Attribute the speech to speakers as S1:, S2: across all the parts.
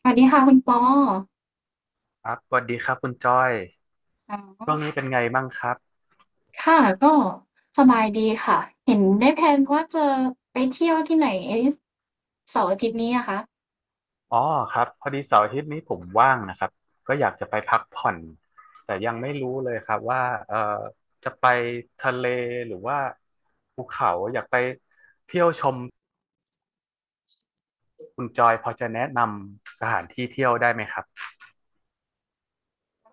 S1: สวัสดีค่ะคุณปอ
S2: ครับสวัสดีครับคุณจ้อย
S1: อ๋
S2: ช่วง
S1: อ
S2: นี้เป็นไงบ้างครับ
S1: ค่ะก็สบายดีค่ะ เห็นได้แพลนว่าจะไปเที่ยวที่ไหนเสาร์อาทิตย์นี้อะคะ
S2: อ๋อครับพอดีเสาร์อาทิตย์นี้ผมว่างนะครับก็อยากจะไปพักผ่อนแต่ยังไม่รู้เลยครับว่าเอ่อจะไปทะเลหรือว่าภูเขาอยากไปเที่ยวชมคุณจอยพอจะแนะนำสถานที่เที่ยวได้ไหมครับ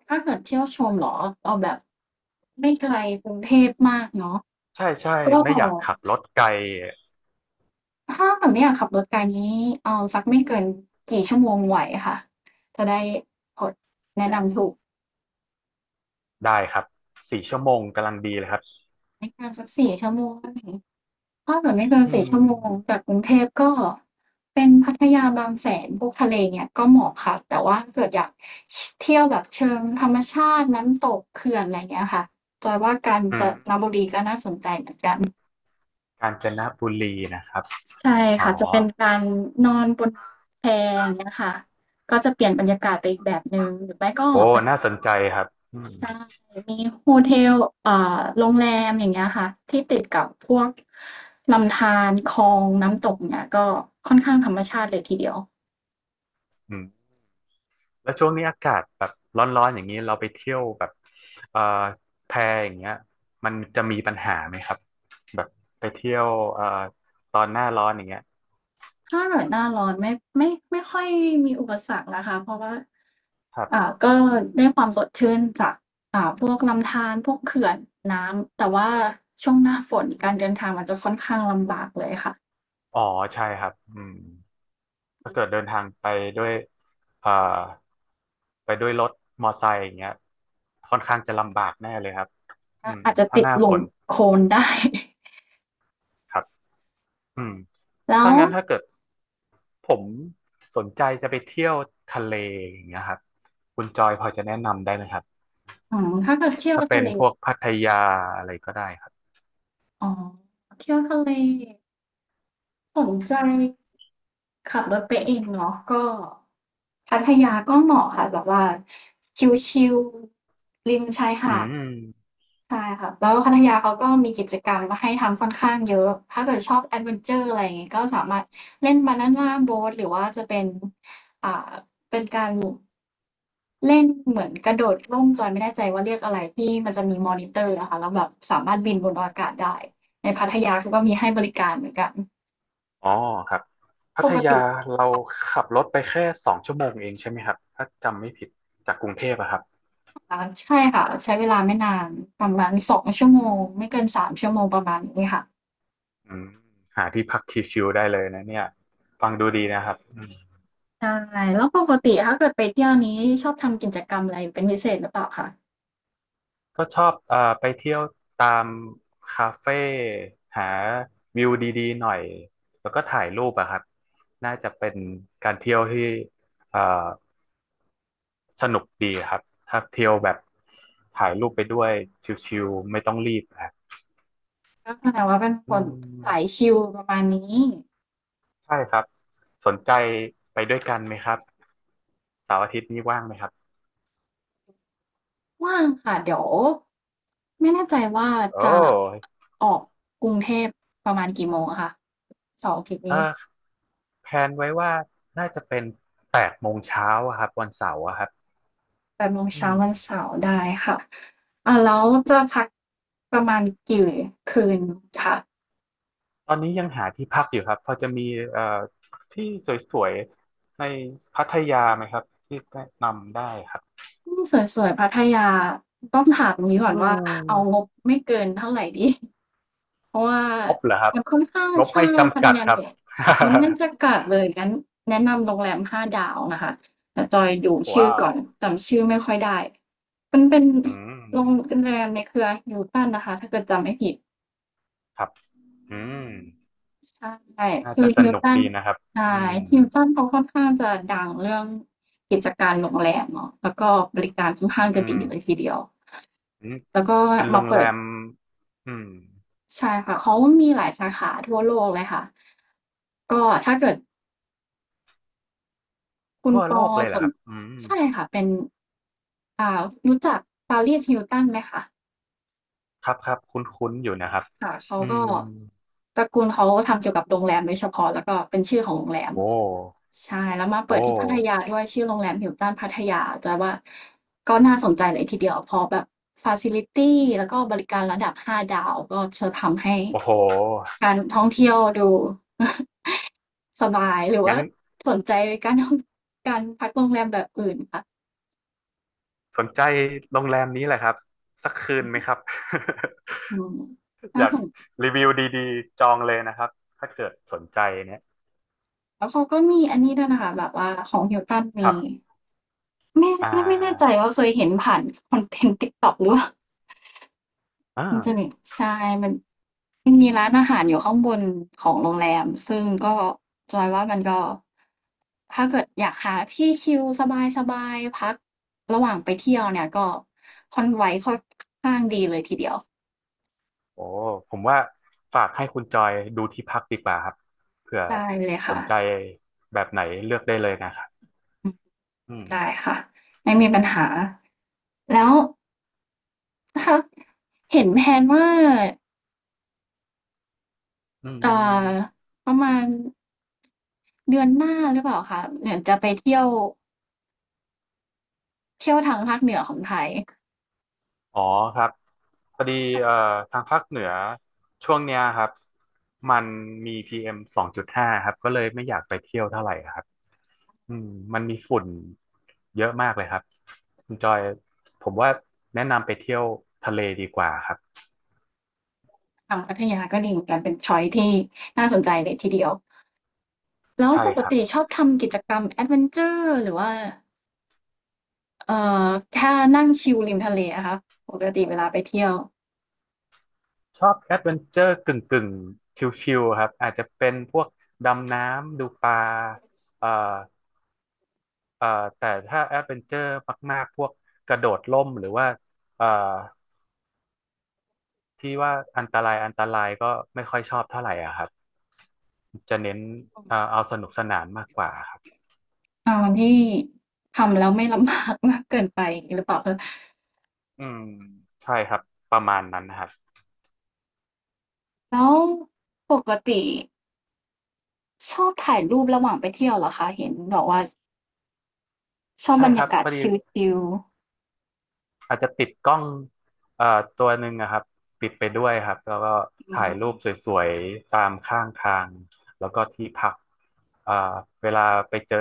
S1: ถ้าเกิดเที่ยวชมเหรอเอาแบบไม่ไกลกรุงเทพมากเนาะ
S2: ใช่ใช่
S1: ก็
S2: ไม่อยากขับรถไกล
S1: ถ้าเกิดไม่อยากขับรถไกลนี้เอาสักไม่เกินกี่ชั่วโมงไหวค่ะ จะได้พอแนะนำถูก
S2: ได้ครับ4 ชั่วโมงกำลังดีเลยครับ
S1: ไม่เกินสักสี่ชั่วโมง ถ้าเกิดไม่เกิน
S2: อื
S1: สี่
S2: ม
S1: ชั่วโมงจากกรุงเทพก็เป็นพัทยาบางแสนพวกทะเลเนี่ยก็เหมาะค่ะแต่ว่าเกิดอยากชเที่ยวแบบเชิงธรรมชาติน้ำตกเขื่อนอะไรเงี้ยค่ะจอยว่ากาญ
S2: อื
S1: จ
S2: ม
S1: นบุรีน่าสน
S2: กาญจนบุรีนะครับ
S1: ใช่
S2: อ๋อ
S1: ค่ะจะเป็นการนอนบนแพอย่างเงี้ยค่ะก็จะเปลี่ยนบรรยากาศไปอีกแบบหนึ่งหรือไม่ก็
S2: โอ้
S1: เป็น
S2: น่าสนใจครับอืม
S1: ใช่มีโฮเทลเอ่โรงแรมอย่างเงี้ยค่ะที่ติดกับพวกลำธารคลองน้ำตกเงี้ยก็ค่อนข้างธรรมชาติเลยทีเดียว
S2: อืมแล้วช่วงนี้อากาศแบบร้อนๆอย่างนี้เราไปเที่ยวแบบเอ่อแพอย่างเงี้ยมันจะมีปัญหาไหมครับแบบไปเที่ยวเอ่อตอนหน้าร้อนอย่างเงี้ย
S1: ถ้าเกิดหน้าร้อนไม่ค่อยมีอุปสรรคนะคะเพราะว่า
S2: ครับ
S1: ก็ได้ความสดชื่นจากพวกลำธารพวกเขื่อนน้ำแต่ว่าช่วงหน้าฝนการเดินทางมันจะค่อนข้างลำบากเลยค่ะ
S2: อ๋อใช่ครับอืมถ้าเกิดเดินทางไปด้วยเอ่อไปด้วยรถมอไซค์อย่างเงี้ยค่อนข้างจะลำบากแน่เลยครับอืม
S1: อาจจะ
S2: ถ้า
S1: ติ
S2: ห
S1: ด
S2: น้า
S1: ห
S2: ฝ
S1: ลุ่ม
S2: น
S1: โคลนได้
S2: ครับ อืม
S1: แล้
S2: ถ้า
S1: ว
S2: งั้นถ้าเกิดผมสนใจจะไปเที่ยวทะเลอย่างเงี้ยครับคุณจอยพอจะแนะนำได้ไหมครับ
S1: ถ้าเกิดเที่ยว
S2: ถ้าเป็
S1: ทะ
S2: น
S1: เล
S2: พวกพัทยาอะไรก็ได้ครับ
S1: อ๋อเที่ยวทะเลสนใจขับรถไปเองเนาะก็พัทยาก็เหมาะค่ะแบบว่าชิลๆริมชาย
S2: อื
S1: หาด
S2: ม
S1: ใช่ค่ะแล้วพัทยาเขาก็มีกิจกรรมมาให้ทำค่อนข้างเยอะถ้าเกิดชอบแอดเวนเชอร์อะไรอย่างงี้ก็สามารถเล่น Banana Boat หรือว่าจะเป็นอ่าเล่นเหมือนกระโดดร่มจอยไม่แน่ใจว่าเรียกอะไรที่มันจะมีมอนิเตอร์อะค่ะแล้วแบบสามารถบินบนอากาศได้ในพัทยาเขาก็มีให้บริการเหมือนกัน
S2: อ๋อครับพั
S1: ป
S2: ท
S1: ก
S2: ยา
S1: ติ
S2: เรา
S1: ค่ะ
S2: ขับรถไปแค่2 ชั่วโมงเองใช่ไหมครับถ้าจำไม่ผิดจากกรุงเทพอะครับ
S1: ใช่ค่ะใช้เวลาไม่นานประมาณสองชั่วโม
S2: อื
S1: งไม่เกิน
S2: ม
S1: 3 ชั่วโมงประมาณนี้ค่ะ
S2: อืมหาที่พักชิลๆได้เลยนะเนี่ยฟังดูดีนะครับ
S1: ใช่แล้วปกติถ้าเกิดไปเที่ยวนี้ชอบทำกิจกรรมอะไรเป็นพิเศษหรือเปล่าคะ
S2: ก็ชอบไปเที่ยวตามคาเฟ่หาวิวดีๆหน่อยแล้วก็ถ่ายรูปอะครับน่าจะเป็นการเที่ยวที่เอ่อสนุกดีครับถ้าเที่ยวแบบถ่ายรูปไปด้วยชิลๆไม่ต้องรีบครับ
S1: ก็แสดงว่าเป็นค
S2: อื
S1: นสาย
S2: ม
S1: ชิลประมาณนี้
S2: ใช่ครับสนใจไปด้วยกันไหมครับเสาร์อาทิตย์นี้ว่างไหมครับ
S1: ว่างค่ะเดี๋ยวไม่แน่ใจว่า
S2: โอ
S1: จะ
S2: ้
S1: ออกกรุงเทพประมาณกี่โมงอะคะเสาร์อาทิตย์
S2: เอ
S1: นี้
S2: อแพลนไว้ว่าน่าจะเป็น8 โมงเช้าอะครับวันเสาร์อะครับ
S1: 8โมง
S2: อื
S1: เช้า
S2: ม
S1: วันเสาร์ได้ค่ะแล้วจะพักประมาณกี่คืนคะ
S2: ตอนนี้ยังหาที่พักอยู่ครับพอจะมีเอ่อที่สวยๆในพัทยาไหมครับที่แนะนำได้ครับ
S1: สวยๆพัทยาต้องถามงี้ก่อ
S2: อื
S1: นว่าเอาง
S2: ม
S1: บไม่เกินเท่าไรดี เพราะว่า
S2: งบเหรอครับ
S1: มันค่อนข้าง
S2: งบไม่
S1: ใช่พั
S2: จำ
S1: ท
S2: กัด
S1: ยา
S2: ครั
S1: เห
S2: บ
S1: น มันแน่าจะกัดเลยงั้นแนะนำโรงแรม5 ดาวนะคะแต่จอยดูชื่อ
S2: ว้า
S1: ก่
S2: ว
S1: อนจำชื่อไม่ค่อยได้มันเป็น
S2: อื
S1: โรง
S2: ม
S1: แรมในเครือ Hilton นะคะถ้าเกิดจำไม่ผิด
S2: ครับอืม
S1: ใช่
S2: น่า
S1: คือ
S2: จะสนุก
S1: Hilton
S2: ดีนะครับอื
S1: ใช่
S2: ม
S1: Hilton เขาค่อนข้างจะดังเรื่องกิจการโรงแรมเนาะแล้วก็บริการค่อน
S2: อื
S1: ข้างจะดีเลย
S2: ม
S1: ทีเดียว
S2: อืม
S1: แล้วก็
S2: เป็นโร
S1: มา
S2: งแร
S1: เปิด
S2: มอืม
S1: ใช่ค่ะเขามีหลายสาขาทั่วโลกเลยค่ะก็ถ้าเกิด คุณ
S2: ทั่ว
S1: ป
S2: โล
S1: อ
S2: กเลยเห
S1: ส
S2: รอค
S1: น
S2: รับอืม
S1: ใช่ค่ะเป็นอ่ารู้จัก Paris Hilton ไหมคะ
S2: ครับครับคุ้นๆอยู่นะครับ
S1: ค่ะเขา
S2: อื
S1: ก็
S2: ม
S1: ตระกูลเขาทำเกี่ยวกับโรงแรมโดยเฉพาะแล้วก็เป็นชื่อของโรงแรม
S2: โอ้
S1: ใช่แล้วมา
S2: โอ
S1: เปิดที่พัท
S2: ้
S1: ยาด้วยชื่อโรงแรม Hilton พัทยาจะว่าก็น่าสนใจเลยทีเดียวเพราะแบบฟาซิลิตี้แล้วก็บริการระดับ5ดาวก็จะทำให้
S2: โอ้โห
S1: การท่องเที่ยวดู สบายหรือ
S2: งั้
S1: ว่า
S2: น
S1: สนใจการท่องการพักโรงแรมแบบอื่นค่ะ
S2: สนใจโรงแรมนี้แหละครับสักคืนไหมครับ
S1: อืม
S2: อ
S1: น่า
S2: ยาก
S1: สน
S2: รีวิวดีๆจองเลยนะครับถ้าเกิดสนใจเนี่ย
S1: แล้วเขาก็มีอันนี้ด้วยนะคะแบบว่าของ Hilton
S2: ค
S1: มี
S2: รับอ่
S1: ไม่แน่ใจ
S2: า
S1: ว่าเคยเห็นผ่านคอนเทนต์ TikTok หรือเปล่ามันจะมี
S2: อ่า
S1: ใช่มันมันมีร้านอาหารอยู่ข้างบนของโรงแรมซึ่งก็จอยว่ามันก็ถ้าเกิดอยากหาที่ชิลสบายๆพักระหว่างไปเที่ยวเนี่ยก็ Convoy ค่อนข้างดีเลยทีเดียว
S2: โอ้ผมว่าฝากให้คุณจอยดูที่พักดีกว่าครับเผื่อ
S1: ได้เลย
S2: ส
S1: ค่ะ
S2: นใจแบบไหนเลือกได้เลยนะครับ
S1: อืม
S2: อืม
S1: ได้ค่ะไม่มีปัญหาแล้วถ้าเห็นแพลนว่า
S2: อื
S1: เอ่อ
S2: ม
S1: ประมาณเดือนหน้าหรือเปล่าคะเหมือนจะไปเที่ยวเที่ยวทางภาคเหนือของไทย
S2: อ๋อครับพอดีเอ่อทางภาคเหนือช่วงเนี้ยครับมันมีPM2.5ครับก็เลยไม่อยากไปเที่ยวเท่าไหร่ครับอืมมันมีฝุ่นเยอะมากเลยครับคุณจอยผมว่าแนะนำไปเที่ยวทะเลดีกว่าครับ
S1: ทางพัทยาก็ดีเหมือนกันเป็นชอยซ์ที่น่าสนใจเลยทีเดียวแล้ว
S2: ใช่
S1: ปก
S2: ครับ
S1: ติชอบทำกิจกรรมแอดเวนเชอร์หรือว่าเอ่อแค่นั่งชิลริมทะเลอะคะปกติเวลาไปเที่ยว
S2: ชอบแอดเวนเจอร์กึ่งกึ่งชิลๆครับอาจจะเป็นพวกดำน้ำดูปลาเอ่อเอ่อแต่ถ้าแอดเวนเจอร์มากๆพวกกระโดดร่มหรือว่าเอ่อ ที่ว่าอันตรายอันตรายก็ไม่ค่อยชอบเท่าไหร่อ่ะครับจะเน้นเอาสนุกสนานมากกว่าครับ
S1: อาวันที่ทำแล้วไม่ลำบากมากเกินไปอย่างงี้หรือเปล่าคะ
S2: อืมใช่ครับประมาณนั้นนะครับ
S1: แล้วปกติชอบถ่ายรูประหว่างไปเที่ยวเหรอคะเห็นบอกว่า ชอบ
S2: ใช่
S1: บรร
S2: ครั
S1: ยา
S2: บ
S1: กา
S2: พ
S1: ศ
S2: อดี
S1: ชิล
S2: อาจจะติดกล้องตัวหนึ่งอะครับติดไปด้วยครับแล้วก็
S1: ๆอื
S2: ถ่าย
S1: ม
S2: รูปสวยๆตามข้างทางแล้วก็ที่พักเอ่อเวลาไปเจอ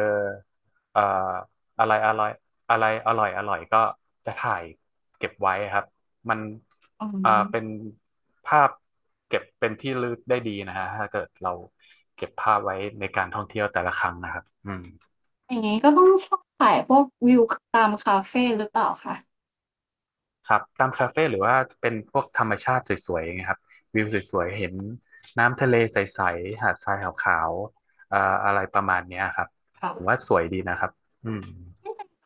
S2: เอ่ออะไรอร่อยอะไรอร่อยอร่อยก็จะถ่ายเก็บไว้ครับมัน
S1: ๆอื
S2: เป็น
S1: ม
S2: ภาพเก็บเป็นที่ระลึกได้ดีนะฮะถ้าเกิดเราเก็บภาพไว้ในการท่องเที่ยวแต่ละครั้งนะครับอืม
S1: อย่างงี้ก็ต้องชอบถ่ายพวกวิวคตามคาเฟหรือเปล่าคะ
S2: ครับตามคาเฟ่หรือว่าเป็นพวกธรรมชาติสวยๆอย่างเงี้ยครับวิวสวยๆเห็นน้ำทะเลใสๆหาดทรายขาวๆอะไรประมาณเนี้ยครับผมว่า
S1: ค่ะ
S2: สวยดีนะครับอืม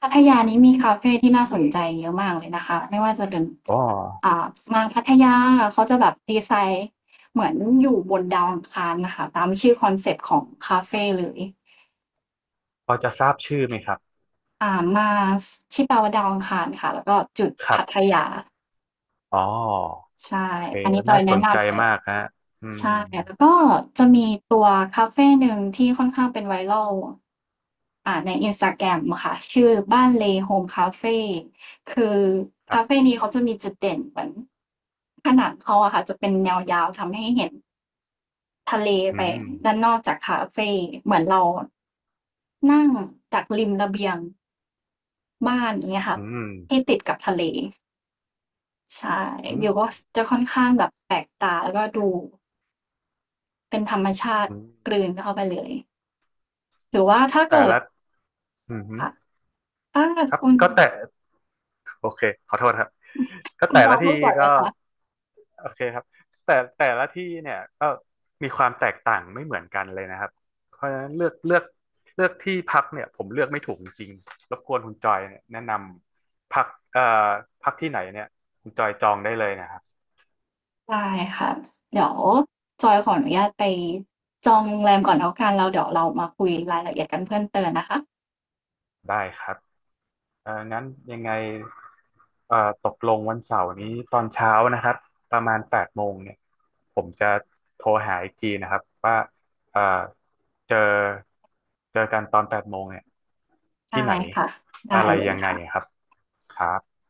S1: พัทยานี้มีคาเฟที่น่าสนใจเยอะมากเลยนะคะไม่ว่าจะเป็น
S2: อ๋อ
S1: อ่ามาพัทยาเขาจะแบบดีไซน์เหมือนอยู่บนดาวอังคารน่ะค่ะตามชื่อคอนเซปต์ของคาเฟเลย
S2: พอจะทราบชื่อไหมครับ
S1: Mars ที่แปลว่าดาวอังคารค่ะแล้วก็จุด
S2: ครั
S1: พัท
S2: บ
S1: ยา
S2: อ๋อ
S1: ใช่
S2: โอเค
S1: อันนี้จอ
S2: น่า
S1: ย
S2: ส
S1: แนะ
S2: นใจ
S1: นำเลย
S2: มากฮะอืม
S1: ใช่แล้วก็จะมีตัวคาเฟหนึ่งที่ค่อนข้างเป็น viral ใน Instagram อะค่ะชื่อบ้านเล Home Cafe คือ
S2: ครั
S1: คาเฟ
S2: บ
S1: นี้เขาจะมีจุดเด่นเหมือนผนังเขาอะค่ะจะเป็นแนวยาวทำให้เห็นทะเล
S2: อื
S1: ไป
S2: ม
S1: ด้านนอกจากคาเฟเหมือนเรานั่งจากริมระเบียงบ้านอย่างเงี้ยค่ะ
S2: อืม
S1: ที่ติดกับทะเลใช่
S2: อื
S1: วิ
S2: ม
S1: วก็สจะค่อนข้างแบบแปลกตาแล้วก็ดูเป็นธรรมชาติ
S2: อืม
S1: กลืนเข้าไปเลย หรือว่าถ้า
S2: แต่
S1: เกิด
S2: ละอืม
S1: ค่ะถ้า
S2: ครับ
S1: คุณ
S2: ก็แต่โอเคขอโทษครับก็
S1: คุณ
S2: แต่
S1: ปอ
S2: ละที่
S1: พูดก่อนเล
S2: ก็
S1: ยค่ะ
S2: โอเคครับ แต่ละที่เนี่ยก็มีความแตกต่างไม่เหมือนกันเลยนะครับ เพราะฉะนั้นเลือกที่พักเนี่ยผมเลือกไม่ถูกจริงๆรบกวนคุณจอยเนี่ยแนะนำพักเอ่อพักที่ไหนเนี่ยคุณจอยจองได้เลยนะครับ
S1: ได้ค่ะเดี๋ยวจอยขออนุญาตไปจองโรงแรมก่อนแล้วกันแล้วเดี๋ยวเรามาคุยรายละเอียดกันเพิ่มเติมนะคะ
S2: ได้ครับ เอ่องั้นยังไงเอ่อตกลงวันเสาร์นี้ตอนเช้านะครับประมาณแปดโมงเนี่ยผมจะโทรหาอีกทีนะครับว่าเอ่อเจอเจอกันตอนแปดโมงเนี่ยที่
S1: ได้
S2: ไหน
S1: ค่ะได้
S2: อะไร
S1: เลย
S2: ยังไง
S1: ค่ะ
S2: ครับครับ